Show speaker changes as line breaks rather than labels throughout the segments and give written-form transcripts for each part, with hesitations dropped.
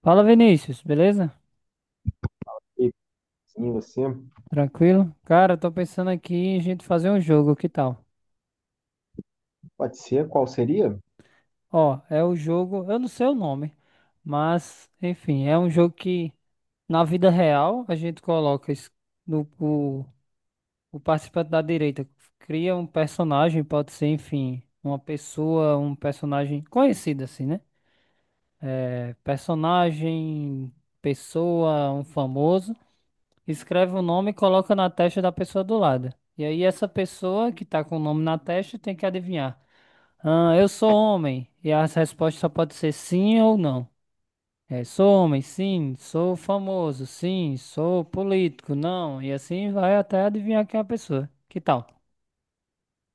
Fala Vinícius, beleza?
E sim, você
Tranquilo? Cara, tô pensando aqui em a gente fazer um jogo, que tal?
pode ser? Qual seria?
Ó, é o jogo, eu não sei o nome, mas enfim, é um jogo que na vida real a gente coloca es- no, o participante da direita cria um personagem, pode ser, enfim, uma pessoa, um personagem conhecido assim, né? É, personagem, pessoa, um famoso. Escreve o nome e coloca na testa da pessoa do lado. E aí essa pessoa que tá com o nome na testa tem que adivinhar. Ah, eu sou homem. E a resposta só pode ser sim ou não. É, sou homem, sim. Sou famoso, sim. Sou político, não. E assim vai até adivinhar quem é a pessoa. Que tal?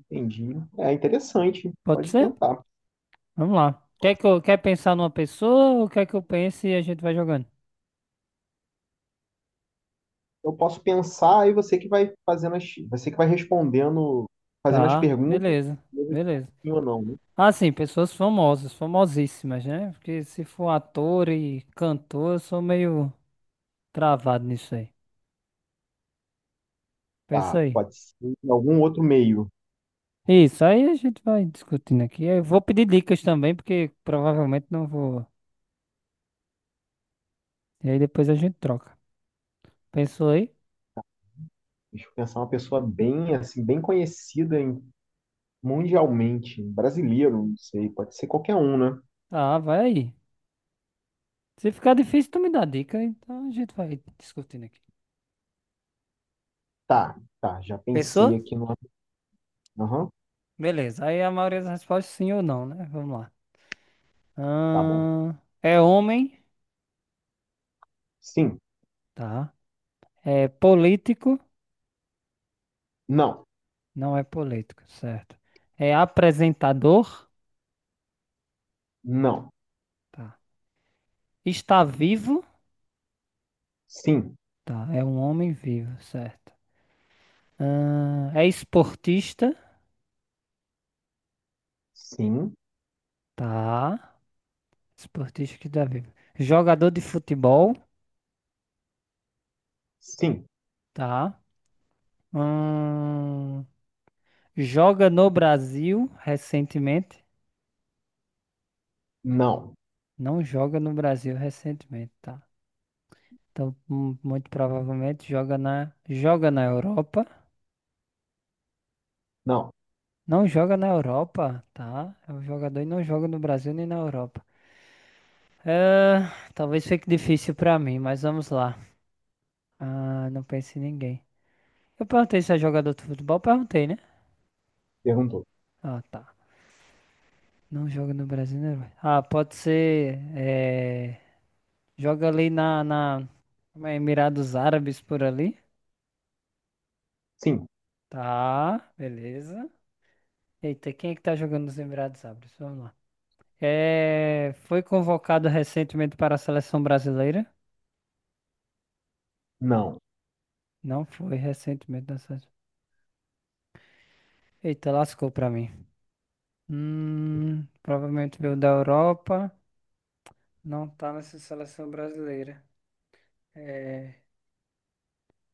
Entendi. É interessante.
Pode
Pode
ser?
tentar.
Vamos lá. Quer que eu, quer pensar numa pessoa ou quer que eu pense e a gente vai jogando?
Eu posso pensar e você que vai fazendo você que vai respondendo, fazendo as
Tá,
perguntas,
beleza.
e eu respondo
Beleza.
sim ou não, né?
Assim, pessoas famosas, famosíssimas, né? Porque se for ator e cantor, eu sou meio travado nisso aí. Pensa
Tá,
aí.
pode ser em algum outro meio.
Isso, aí a gente vai discutindo aqui. Eu vou pedir dicas também, porque provavelmente não vou. E aí depois a gente troca. Pensou aí?
Deixa eu pensar uma pessoa bem assim, bem conhecida mundialmente, brasileiro, não sei, pode ser qualquer um, né?
Ah, vai aí. Se ficar difícil, tu me dá dica, então a gente vai discutindo aqui.
Tá, já pensei
Pensou?
aqui no. Aham,
Beleza. Aí a maioria das respostas sim ou não, né? Vamos lá.
tá bom.
Ahn, é homem,
Sim,
tá? É político.
não,
Não é político, certo. É apresentador?
não,
Tá. Está vivo?
sim,
Tá. É um homem vivo, certo. É esportista?
sim,
Tá. Esportista que está vivo. Jogador de futebol?
sim.
Tá. Ahn, joga no Brasil recentemente?
Não,
Não joga no Brasil recentemente, tá. Então, muito provavelmente joga na Europa.
não.
Não joga na Europa, tá? É um jogador e não joga no Brasil nem na Europa. Ah, talvez fique difícil pra mim, mas vamos lá. Ah, não pense em ninguém. Eu perguntei se é jogador de futebol, perguntei, né?
Perguntou.
Ah, tá. Não joga no Brasil, né? Velho? Ah, pode ser. Joga ali na, na como é, Emirados Árabes por ali.
Sim,
Tá, beleza. Eita, quem é que tá jogando nos Emirados Árabes? Vamos lá. É... Foi convocado recentemente para a seleção brasileira?
não.
Não foi recentemente na seleção. Eita, lascou pra mim. Provavelmente veio da Europa, não tá nessa seleção brasileira. É,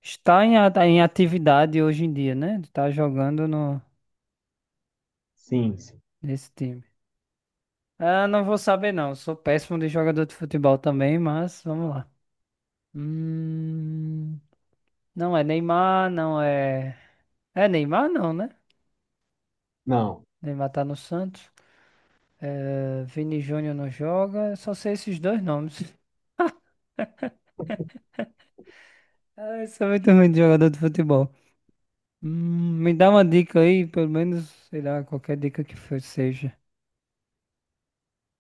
está em, em atividade hoje em dia, né? Tá jogando no,
Sim, sim.
nesse time. Ah, não vou saber não, sou péssimo de jogador de futebol também, mas vamos lá. Hum, não é Neymar, não é... É Neymar não, né?
Não.
Neymar tá no Santos. É, Vini Júnior não joga, só sei esses dois nomes. Ah, eu sou muito ruim de jogador de futebol. Me dá uma dica aí, pelo menos, sei lá, qualquer dica que for, seja.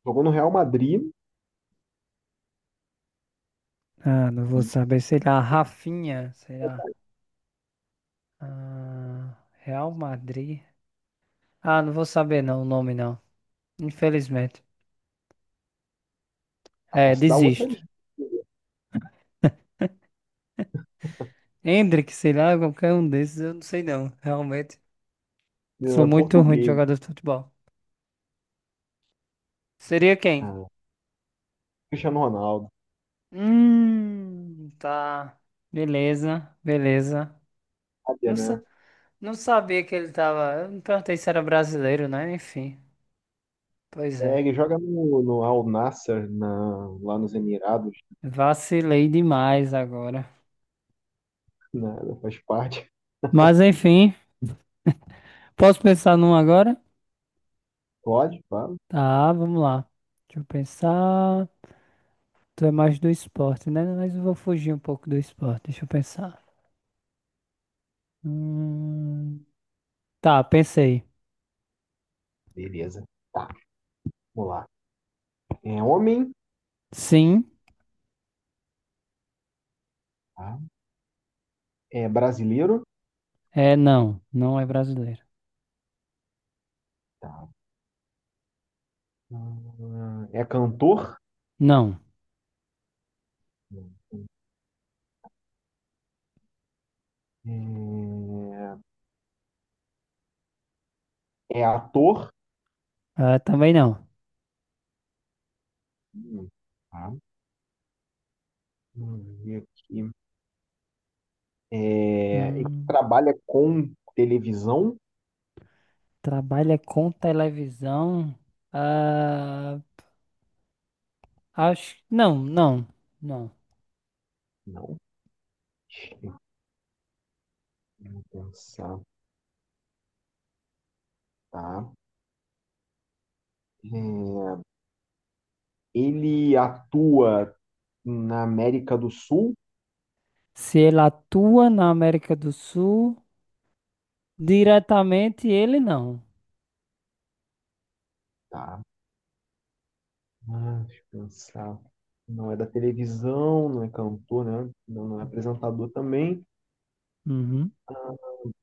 Jogou no Real Madrid
Ah, não vou
e
saber, sei lá, Rafinha, sei lá. Ah, Real Madrid. Ah, não vou saber não, o nome não. Infelizmente.
ah,
É,
posso dar outra
desisto.
dica.
Endrick, sei lá, qualquer um desses, eu não sei não, realmente. Sou
É
muito ruim de
português.
jogador de futebol. Seria quem?
Ah, Cristiano Ronaldo.
Tá. Beleza, beleza.
Sabia,
Não,
né?
não sabia que ele tava. Eu não perguntei se era brasileiro, né? Enfim, pois
É,
é.
ele joga no Al Nassr, na, lá nos Emirados.
Vacilei demais agora.
Né? Faz parte.
Mas enfim, posso pensar num agora?
Pode, claro.
Tá, vamos lá. Deixa eu pensar. Tu é mais do esporte, né? Mas eu vou fugir um pouco do esporte. Deixa eu pensar. Hum, Tá, pensei.
Beleza. Tá, vamos lá. É homem,
Sim,
tá? É brasileiro,
é não. Não é brasileiro.
tá? Ah, é cantor,
Não.
né? é é ator,
Ah, também não.
Hum, tá? Vamos ver aqui. É, e
Hum,
trabalha com televisão?
trabalha com televisão? Ah, acho. Não, não.
Não. Deixa eu pensar, tá? É, ele atua na América do Sul?
Se ele atua na América do Sul. Diretamente ele não.
Tá. Ah, deixa eu pensar. Não é da televisão, não é cantor, né? Não, não é apresentador também.
Uhum.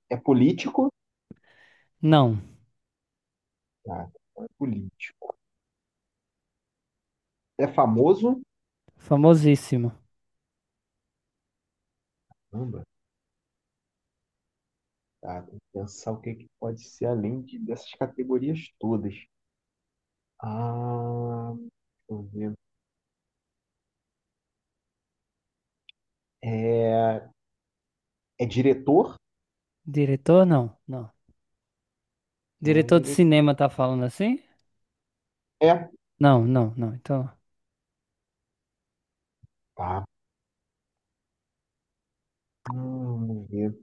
É político?
Não.
Tá, não é político. É famoso?
Famosíssimo.
Caramba, tá. Tem que pensar o que, que pode ser além dessas categorias todas. Ah, deixa eu ver. É, é diretor?
Diretor, não. Não.
Não é
Diretor de
diretor.
cinema tá falando assim?
É,
Não. Então,
tá. Vamos ver.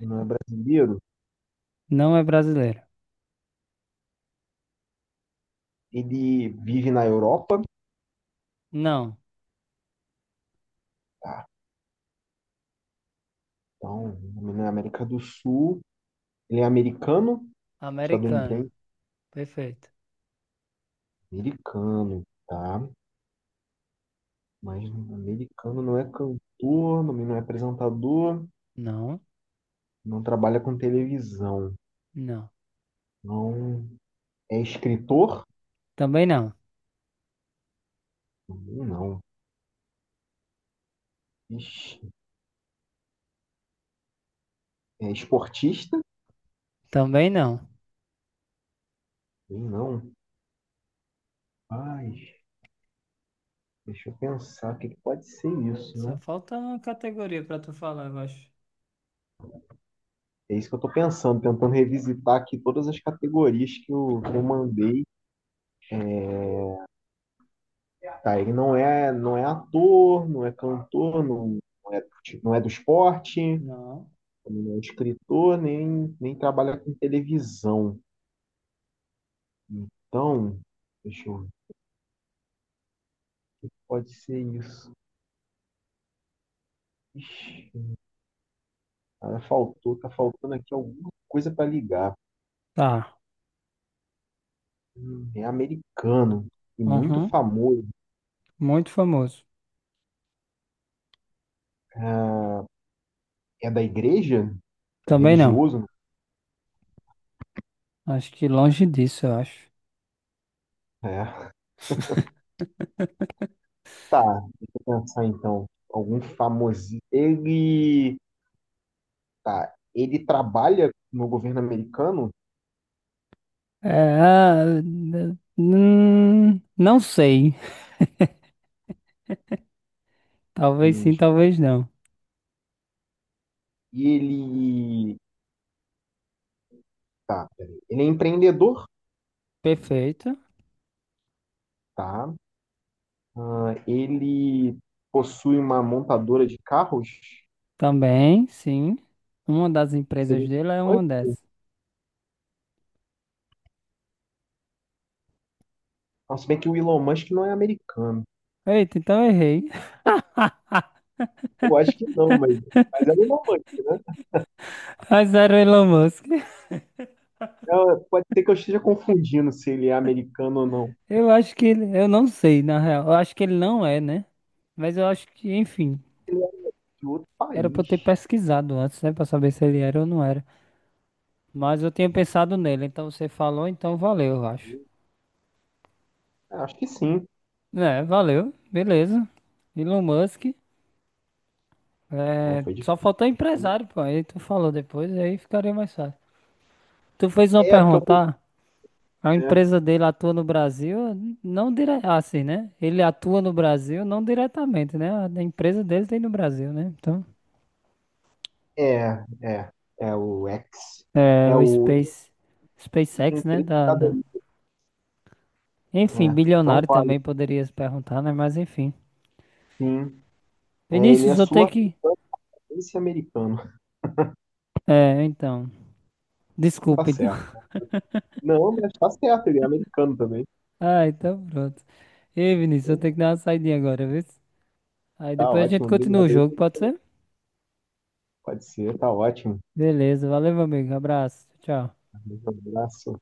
Não é brasileiro?
não é brasileiro.
Ele vive na Europa,
Não.
tá? Então, na América do Sul. Ele é americano,
Americano.
estadunidense,
Perfeito.
americano, tá? Mas americano não é cantor, também não é apresentador,
Não,
não trabalha com televisão,
não.
não é escritor,
Também não.
também não. Ixi, é esportista,
Também não.
também não. Ai, deixa eu pensar, o que que pode ser isso,
Só
né?
falta uma categoria pra tu falar, eu acho.
É isso que eu tô pensando, tentando revisitar aqui todas as categorias que eu mandei. Tá, ele não é ator, não é, não é do esporte,
Não.
não é escritor, nem trabalha com televisão. Então, deixa eu ver. Pode ser isso. Ixi, cara, faltou, tá faltando aqui alguma coisa para ligar.
Tá.
É americano e muito
Uhum.
famoso.
Muito famoso.
Ah, é da igreja? É
Também não.
religioso?
Acho que longe disso, eu acho.
É. Tá, deixa eu pensar então. Algum famosinho. Ele. Tá, ele trabalha no governo americano?
É, não sei. Talvez sim,
Deixa eu...
talvez não.
E ele. Tá, peraí. Ele é empreendedor?
Perfeito.
Tá. Ah, ele possui uma montadora de carros?
Também, sim. Uma das empresas
Seria
dele é
o Elon
uma
Musk?
dessas.
Não, se bem que o Elon Musk não é americano.
Eita, então eu errei.
Eu acho que não, mas é o Elon Musk, né?
Mas era o Elon Musk.
É, pode ser que eu esteja confundindo se ele é americano ou não.
Eu acho que ele. Eu não sei, na real. Eu acho que ele não é, né? Mas eu acho que, enfim.
Ele é de outro
Era pra eu ter
país.
pesquisado antes, né? Pra saber se ele era ou não era. Mas eu tinha
Mano.
pensado nele. Então você falou, então valeu, eu acho.
É, acho que sim.
É, valeu. Beleza. Elon Musk.
É,
É,
foi
só
difícil,
faltou
hein?
empresário, pô. Aí tu falou depois, aí ficaria mais fácil. Tu fez uma
É, porque eu pensei.
pergunta? A empresa dele atua no Brasil, não dire... ah, assim, né? Ele atua no Brasil, não diretamente, né? A empresa dele tem no Brasil, né? Então,
É, é o X.
é
É
o
o
Space, SpaceX, né?
entrevistador.
Enfim,
É, então
bilionário
vale.
também poderia se perguntar, né? Mas enfim.
Sim. É, ele
Vinícius,
é
vou ter que.
sul-africano, esse americano.
É, então.
Tá
Desculpa, então.
certo. Não, mas tá certo, ele é americano também.
Ah, então pronto. Ei, Vinícius, eu tenho que dar uma saidinha agora, viu? Aí
Tá
depois a gente
ótimo,
continua o
obrigado aí.
jogo, pode ser?
Pode ser, tá ótimo.
Beleza, valeu, meu amigo. Abraço. Tchau.
Um abraço.